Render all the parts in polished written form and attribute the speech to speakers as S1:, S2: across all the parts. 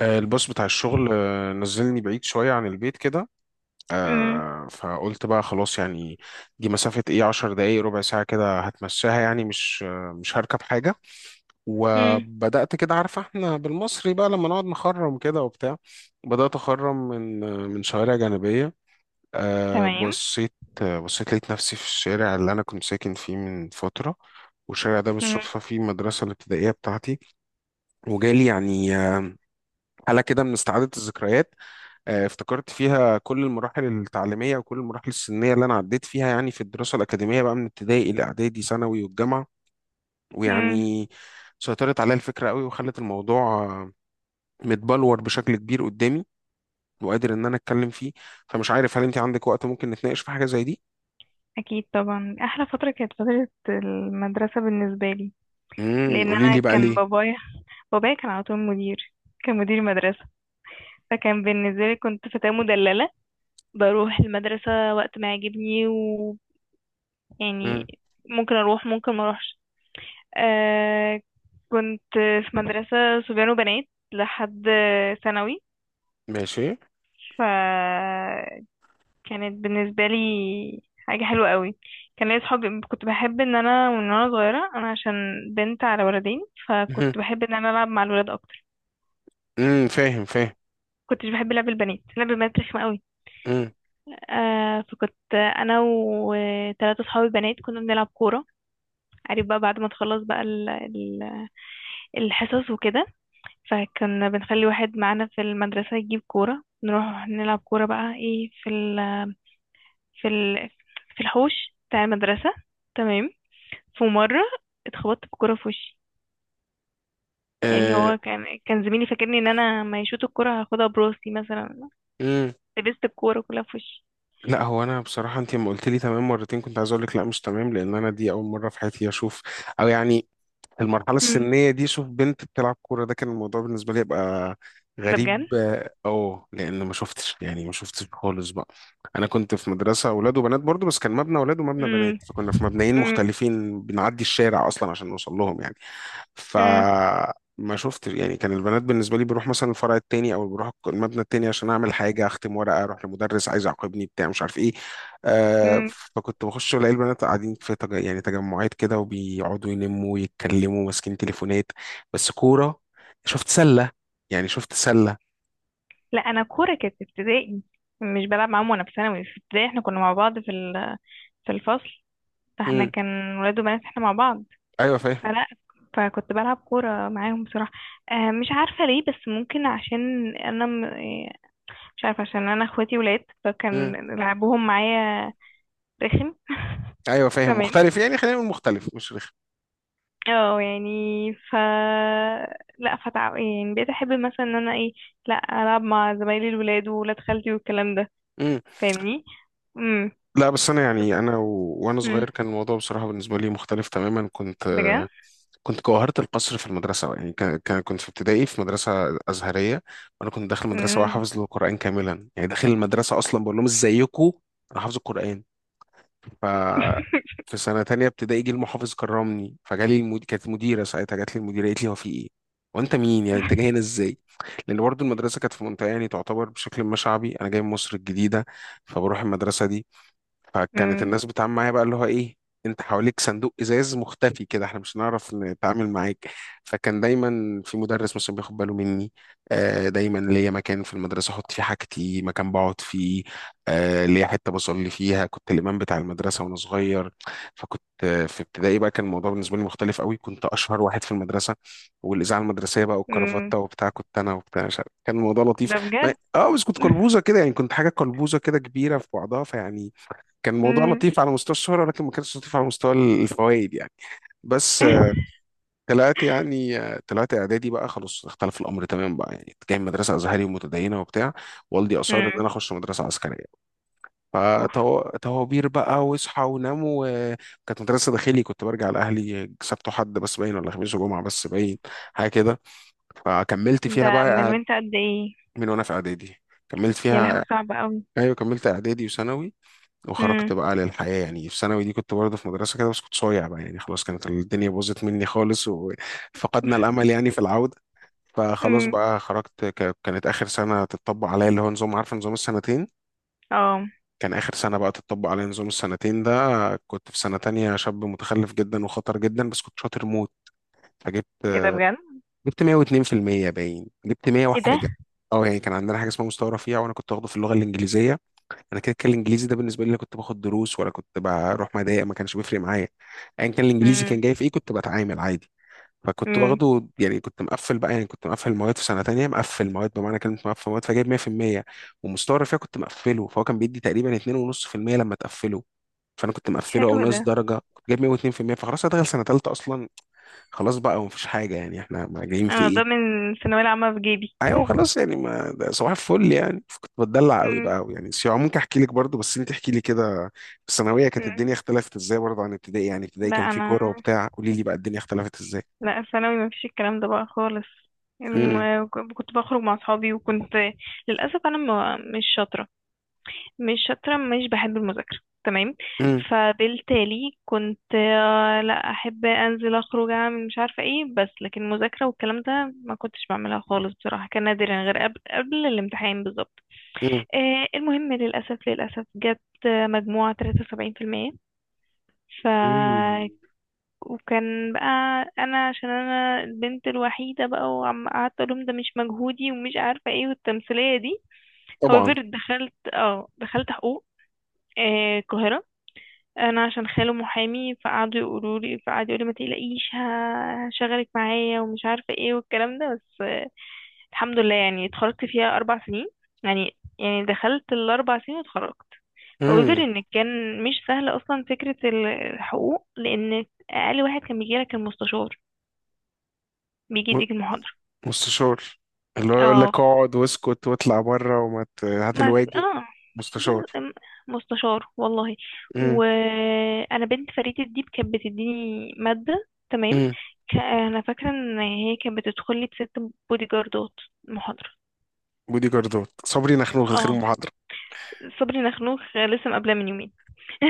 S1: الباص بتاع الشغل نزلني بعيد شوية عن البيت كده.
S2: امم،
S1: فقلت بقى خلاص يعني دي مسافة ايه 10 دقايق ربع ساعة كده هتمشاها يعني مش هركب حاجة.
S2: امم.
S1: وبدأت كده عارفة احنا بالمصري بقى لما نقعد نخرم كده وبتاع. بدأت أخرم من شوارع جانبية.
S2: تمام.
S1: بصيت. بصيت لقيت نفسي في الشارع اللي أنا كنت ساكن فيه من فترة. والشارع ده
S2: امم،
S1: بالصدفة فيه المدرسة الابتدائية بتاعتي. وجالي يعني حالة كده من استعادة الذكريات. افتكرت فيها كل المراحل التعليمية وكل المراحل السنية اللي أنا عديت فيها يعني في الدراسة الأكاديمية بقى من ابتدائي إلى إعدادي ثانوي والجامعة.
S2: امم.
S1: ويعني سيطرت عليا الفكرة قوي وخلت الموضوع متبلور بشكل كبير قدامي وقادر إن أنا أتكلم فيه. فمش عارف هل أنت عندك وقت ممكن نتناقش في حاجة زي دي؟
S2: اكيد طبعا، احلى فتره كانت فتره المدرسه بالنسبه لي،
S1: امم،
S2: لان
S1: قولي لي
S2: انا
S1: بقى
S2: كان
S1: ليه؟
S2: بابايا، كان على طول مدير، كان مدير مدرسه. فكان بالنسبه لي كنت فتاه مدلله، بروح المدرسه وقت ما يعجبني، ويعني
S1: امم.
S2: ممكن اروح ممكن ما اروحش. آه كنت في مدرسه صبيان وبنات لحد ثانوي.
S1: ماشي.
S2: ف كانت بالنسبة لي حاجة حلوة قوي. كان ليا صحابي، كنت بحب ان انا من وانا صغيرة، انا عشان بنت على ولدين
S1: مهم.
S2: فكنت بحب ان انا العب مع الولاد اكتر.
S1: امم، فاهم فاهم.
S2: كنتش بحب لعب البنات، لعب البنات رخمة قوي.
S1: امم.
S2: فكنت انا وثلاثة صحابي بنات كنا بنلعب كورة. عارف بقى، بعد ما تخلص بقى الحصص وكده، فكنا بنخلي واحد معانا في المدرسة يجيب كورة، نروح نلعب كورة بقى ايه في ال في ال في الحوش بتاع المدرسة. تمام. في مرة اتخبطت بكرة في وشي. يعني
S1: آه،
S2: هو كان زميلي، فاكرني ان انا ما يشوط الكرة هاخدها براسي مثلا.
S1: امم.
S2: لبست الكورة كلها في وشي.
S1: لا، هو انا بصراحه انت لما قلت لي تمام مرتين كنت عايز اقول لك لا مش تمام لان انا دي اول مره في حياتي اشوف. او يعني المرحلة
S2: امم.
S1: السنية دي شوف بنت بتلعب كورة ده كان الموضوع بالنسبة لي يبقى
S2: ده بجد.
S1: غريب لأن ما شفتش يعني ما شفتش خالص بقى. أنا كنت في مدرسة أولاد وبنات برضو بس كان مبنى أولاد ومبنى بنات
S2: امم،
S1: فكنا في مبنيين
S2: امم،
S1: مختلفين بنعدي الشارع أصلا عشان نوصل لهم يعني.
S2: امم،
S1: فما شفتش يعني، كان البنات بالنسبة لي بروح مثلا الفرع التاني أو بروح المبنى التاني عشان أعمل حاجة أختم ورقة أروح لمدرس عايز يعاقبني بتاع مش عارف إيه. آه
S2: امم.
S1: فكنت بخش الاقي البنات قاعدين في يعني تجمعات كده وبيقعدوا يلموا ويتكلموا ماسكين تليفونات بس كورة. شفت سلة. يعني شفت سلة.
S2: لا، انا الكورة كانت في ابتدائي، مش بلعب معاهم وانا في ثانوي. في ابتدائي احنا كنا مع بعض في ال... في الفصل، فاحنا
S1: امم،
S2: كان ولاد وبنات احنا مع بعض.
S1: ايوه فاهم.
S2: فلا، فكنت بلعب كورة معاهم بصراحة. مش عارفة ليه، بس ممكن عشان انا، مش عارفة، عشان انا اخواتي ولاد فكان
S1: امم،
S2: لعبهم معايا رخم.
S1: ايوه فاهم،
S2: تمام.
S1: مختلف يعني خلينا نقول مختلف مش رخم.
S2: اه يعني ف لا فتع... يعني بقيت احب مثلا ان انا ايه، لا، العب مع زمايلي الولاد وولاد خالتي والكلام ده.
S1: امم.
S2: فاهمني؟ امم.
S1: لا بس انا يعني وانا
S2: امم.
S1: صغير كان الموضوع بصراحة بالنسبة لي مختلف تماما. كنت
S2: بجد.
S1: كنت جوهرة القصر في المدرسة يعني كنت في ابتدائي في مدرسة أزهرية. وأنا كنت داخل مدرسة
S2: امم.
S1: وحافظ القرآن كاملا يعني داخل المدرسة أصلا بقول لهم إزيكم أنا حافظ القرآن. ففي سنة تانية ابتدائي جه المحافظ كرمني فجالي كانت مديرة ساعتها جات لي المديرة قالت لي هو في ايه؟ وانت مين يعني انت جاي هنا ازاي؟ لان برضو المدرسة كانت في منطقة يعني تعتبر بشكل ما شعبي. انا جاي من مصر الجديدة فبروح المدرسة دي. فكانت
S2: امم.
S1: الناس بتتعامل معايا بقى اللي هو ايه انت حواليك صندوق ازاز مختفي كده احنا مش هنعرف نتعامل معاك. فكان دايما في مدرس مثلا بياخد باله مني. دايما ليا مكان في المدرسه احط فيه حاجتي مكان بقعد فيه. ليا حته بصلي فيها كنت الامام بتاع المدرسه وانا صغير. فكنت في ابتدائي بقى كان الموضوع بالنسبه لي مختلف قوي. كنت اشهر واحد في المدرسه والاذاعه المدرسيه بقى
S2: امم.
S1: والكرافته وبتاع. كنت انا وبتاع مش عارف. كان الموضوع لطيف.
S2: ده بجد.
S1: بس كنت قلبوزه كده يعني كنت حاجه قلبوزه كده كبيره في بعضها فيعني كان الموضوع
S2: امم.
S1: لطيف على مستوى الشهرة ولكن ما كانش لطيف على مستوى الفوائد يعني. بس طلعت يعني طلعت إعدادي بقى خلاص اختلف الأمر تماما بقى يعني كنت جاي من مدرسة أزهري ومتدينة وبتاع. والدي أصر إن
S2: امم.
S1: أنا أخش مدرسة عسكرية.
S2: اوف.
S1: فتوابير بقى واصحى ونام وكانت مدرسة داخلي. كنت برجع لأهلي سبت وحد بس باين ولا خميس وجمعة بس باين حاجة كده. فكملت فيها
S2: ده من
S1: بقى
S2: وانت قد ايه؟
S1: من وأنا في إعدادي كملت
S2: يا
S1: فيها.
S2: لهوي، صعب قوي.
S1: أيوه كملت إعدادي وثانوي.
S2: امم.
S1: وخرجت بقى للحياة يعني. في ثانوي دي كنت برضه في مدرسة كده بس كنت صايع بقى يعني خلاص. كانت الدنيا باظت مني خالص وفقدنا الأمل يعني في العودة. فخلاص
S2: امم.
S1: بقى خرجت كانت آخر سنة تتطبق عليا اللي هو نظام، عارف، نظام السنتين.
S2: اه.
S1: كان آخر سنة بقى تتطبق عليا نظام السنتين ده. كنت في سنة تانية شاب متخلف جدا وخطر جدا بس كنت شاطر موت. فجبت
S2: ايه ده بجد!
S1: جبت 102%. باين جبت 100
S2: ايه ده!
S1: وحاجة. اه يعني كان عندنا حاجة اسمها مستوى رفيع وانا كنت واخده في اللغة الإنجليزية. انا كده كان الانجليزي ده بالنسبه لي لا كنت باخد دروس ولا كنت بروح مضايق، ما كانش بيفرق معايا. ايا كان الانجليزي كان
S2: امم.
S1: جاي في ايه كنت بتعامل عادي. فكنت
S2: امم.
S1: واخده يعني كنت مقفل بقى يعني كنت مقفل المواد في سنه تانية مقفل مواد بمعنى كلمه مقفل مواد. فجايب 100%. ومستوى الرفيع كنت مقفله فهو كان بيدي تقريبا 2.5% لما تقفله. فانا كنت مقفله
S2: حلو
S1: او
S2: ده.
S1: ناقص درجه كنت جايب 102%. فخلاص هدخل سنه تالتة اصلا. خلاص بقى ومفيش حاجه يعني احنا ما جايين في
S2: انا ده
S1: ايه.
S2: من الثانويه العامه في جيبي.
S1: ايوه خلاص يعني ما ده صباح الفل يعني. كنت بتدلع قوي
S2: امم.
S1: بقى قوي يعني. سيوة ممكن احكي لك برضو بس انت احكي لي كده في الثانويه كانت
S2: امم.
S1: الدنيا اختلفت ازاي برضو عن ابتدائي يعني. ابتدائي
S2: لا،
S1: كان في
S2: انا،
S1: كوره وبتاع. قولي لي بقى الدنيا اختلفت ازاي.
S2: لا، ثانوي ما فيش الكلام ده بقى خالص.
S1: امم.
S2: الم- كنت بخرج مع اصحابي، وكنت للاسف انا ما مش شاطره، مش بحب المذاكره. تمام.
S1: امم.
S2: فبالتالي كنت، لا احب انزل اخرج اعمل مش عارفه ايه، بس لكن المذاكره والكلام ده ما كنتش بعملها خالص بصراحه، كان نادرا غير قبل الامتحان بالظبط.
S1: امم.
S2: المهم، للأسف للأسف جبت، مجموعة 73%. ف
S1: أمم.
S2: وكان بقى، أنا عشان أنا البنت الوحيدة بقى، وعم قعدت أقولهم ده مش مجهودي ومش عارفة ايه والتمثيلية دي.
S1: طبعا.
S2: However دخلت، حقوق، القاهرة. أنا عشان خاله محامي، فقعدوا يقولوا لي، فقعد يقول لي ما تقلقيش، هشغلك معايا ومش عارفة ايه والكلام ده، بس الحمد لله يعني اتخرجت فيها 4 سنين، يعني، دخلت ال4 سنين واتخرجت. However
S1: امم.
S2: إن كان مش سهل أصلا فكرة الحقوق، لأن أقل واحد كان بيجيلك المستشار، بيجي
S1: م-
S2: يديك المحاضرة.
S1: مستشار. اللي هو يقول لك
S2: اه.
S1: اقعد واسكت واطلع بره وما هات
S2: ما في.
S1: الواجب.
S2: اه.
S1: مستشار.
S2: ب- م- مستشار والله.
S1: امم.
S2: وأنا بنت فريد الديب كانت بتديني مادة. تمام.
S1: امم.
S2: أنا فاكرة إن هي كانت بتدخل لي بست بودي جاردات محاضرة.
S1: بودي جاردات صبري نخنوخ الخير
S2: اه.
S1: محاضره.
S2: صبري نخنوخ لسه مقابلاه من يومين.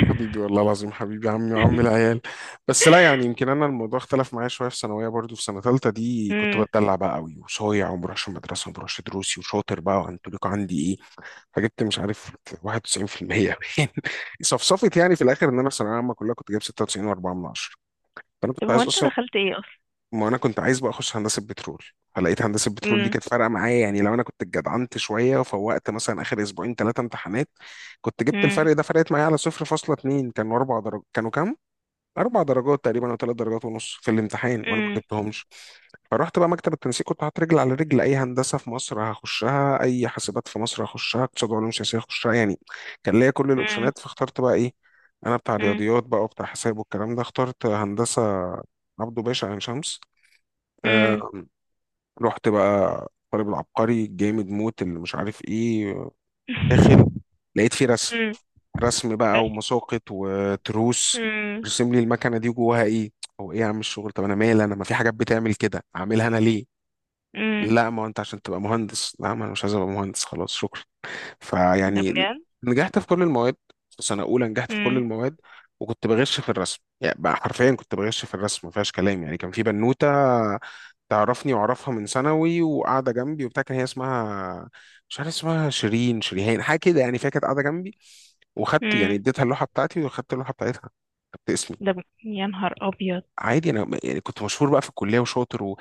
S1: حبيبي والله العظيم حبيبي عمي وعم العيال. بس لا يعني يمكن انا الموضوع اختلف معايا شويه في ثانويه برضو في سنه ثالثه دي كنت
S2: امم.
S1: بتدلع بقى قوي وصايع وما بروحش المدرسه وما بروحش دروسي وشاطر بقى وانتوليكو عندي ايه. فجبت مش عارف 91%. صفصفت يعني في الاخر ان انا في ثانويه عامه كلها كنت جايب 96.4 من 10. فانا
S2: طب
S1: كنت
S2: هو
S1: عايز
S2: انت
S1: اصلا
S2: دخلت ايه اصلا؟
S1: ما انا كنت عايز بقى اخش هندسه بترول. فلقيت هندسه بترول دي
S2: امم،
S1: كانت فارقه معايا يعني لو انا كنت اتجدعنت شويه وفوقت مثلا اخر اسبوعين ثلاثه امتحانات كنت جبت
S2: امم،
S1: الفرق ده. فرقت معايا على 0.2، كانوا اربع درجات، كانوا كام؟ اربع درجات تقريبا او ثلاث درجات ونص في الامتحان وانا ما
S2: امم،
S1: جبتهمش. فرحت بقى مكتب التنسيق كنت حاطط رجل على رجل، اي هندسه في مصر هخشها، اي حاسبات في مصر هخشها، اقتصاد وعلوم سياسيه هخشها يعني. كان ليا كل
S2: امم،
S1: الاوبشنات فاخترت بقى ايه. انا بتاع
S2: امم،
S1: رياضيات بقى وبتاع حساب والكلام ده اخترت هندسه عبده باشا عين شمس. آه.
S2: امم.
S1: رحت بقى طالب العبقري جامد موت اللي مش عارف ايه. داخل لقيت فيه رسم.
S2: امم.
S1: رسم بقى
S2: بس.
S1: ومساقط وتروس.
S2: امم.
S1: رسم لي المكنه دي جواها ايه. هو ايه يا عم الشغل؟ طب انا مالي، انا ما في حاجات بتعمل كده اعملها انا ليه؟
S2: امم.
S1: لا ما هو انت عشان تبقى مهندس. لا ما انا مش عايز ابقى مهندس خلاص شكرا.
S2: ده
S1: فيعني
S2: بجد.
S1: نجحت في كل المواد. في سنه اولى نجحت في كل
S2: امم.
S1: المواد. وكنت بغش في الرسم يعني بقى حرفيا كنت بغش في الرسم ما فيهاش كلام يعني. كان في بنوته تعرفني واعرفها من ثانوي وقاعده جنبي وبتاع كان هي اسمها مش عارف اسمها شيرين شريهان حاجه كده يعني. فهي كانت قاعده جنبي. وخدت يعني
S2: امم.
S1: اديتها اللوحه بتاعتي وخدت اللوحه بتاعتها. كتبت اسمي.
S2: ده ب... يا نهار ابيض!
S1: عادي انا يعني كنت مشهور بقى في الكليه وشاطر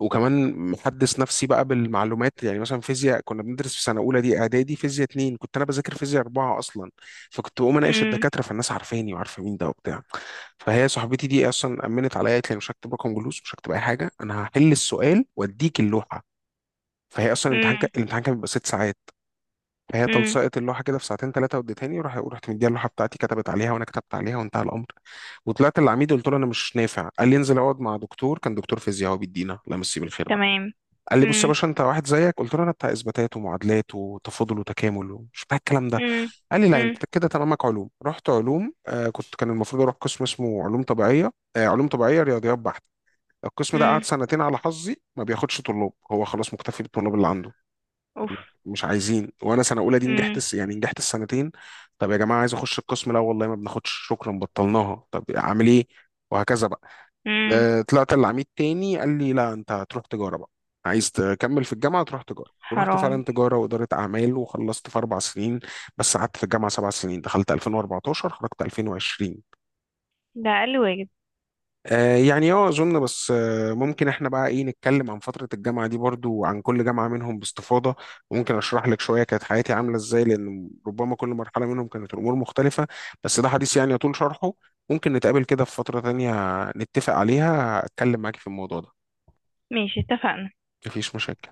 S1: وكمان محدث نفسي بقى بالمعلومات يعني مثلا فيزياء كنا بندرس في سنه اولى دي اعدادي فيزياء اتنين كنت انا بذاكر فيزياء اربعه اصلا. فكنت بقوم اناقش
S2: امم.
S1: الدكاتره فالناس عارفاني وعارفه مين ده وبتاع. فهي صاحبتي دي اصلا امنت عليا قالت لي أنا مش هكتب رقم جلوس مش هكتب اي حاجه انا هحل السؤال واديك اللوحه. فهي اصلا
S2: امم.
S1: الامتحان كان بيبقى 6 ساعات. فهي
S2: امم.
S1: تلصقت اللوحه كده في ساعتين ثلاثه واديتهاني وراح ورحت مديها اللوحه بتاعتي كتبت عليها وانا كتبت عليها وانتهى الامر. وطلعت للعميد قلت له انا مش نافع. قال لي انزل اقعد مع دكتور، كان دكتور فيزياء هو بيدينا، لا مسيه بالخير بقى.
S2: تمام.
S1: قال لي بص يا
S2: امم.
S1: باشا انت واحد زيك. قلت له انا بتاع اثباتات ومعادلات وتفاضل وتكامل ومش بتاع الكلام ده.
S2: امم.
S1: قال لي لا
S2: امم.
S1: انت كده تمامك علوم. رحت علوم. آه كنت كان المفروض اروح قسم اسمه علوم طبيعيه. آه علوم طبيعيه رياضيات بحت. القسم ده
S2: امم.
S1: قعد سنتين على حظي ما بياخدش طلاب. هو خلاص مكتفي بالطلاب اللي عنده.
S2: اوف.
S1: مش عايزين وانا سنه اولى دي نجحت
S2: امم.
S1: يعني نجحت السنتين. طب يا جماعه عايز اخش القسم؟ لا والله ما بناخدش شكرا بطلناها. طب اعمل ايه؟ وهكذا بقى.
S2: امم.
S1: طلعت العميد تاني قال لي لا انت هتروح تجاره بقى. عايز تكمل في الجامعه تروح تجاره. ورحت
S2: حرام.
S1: فعلا تجاره واداره اعمال وخلصت في 4 سنين. بس قعدت في الجامعه 7 سنين. دخلت 2014 خرجت 2020.
S2: ده اقل واجب.
S1: يعني اظن بس ممكن احنا بقى ايه نتكلم عن فترة الجامعة دي برضو وعن كل جامعة منهم باستفاضة. وممكن اشرح لك شوية كانت حياتي عاملة ازاي لان ربما كل مرحلة منهم كانت الامور مختلفة. بس ده حديث يعني يطول شرحه. ممكن نتقابل كده في فترة تانية نتفق عليها اتكلم معاكي في الموضوع ده.
S2: ماشي، اتفقنا.
S1: مفيش مشاكل.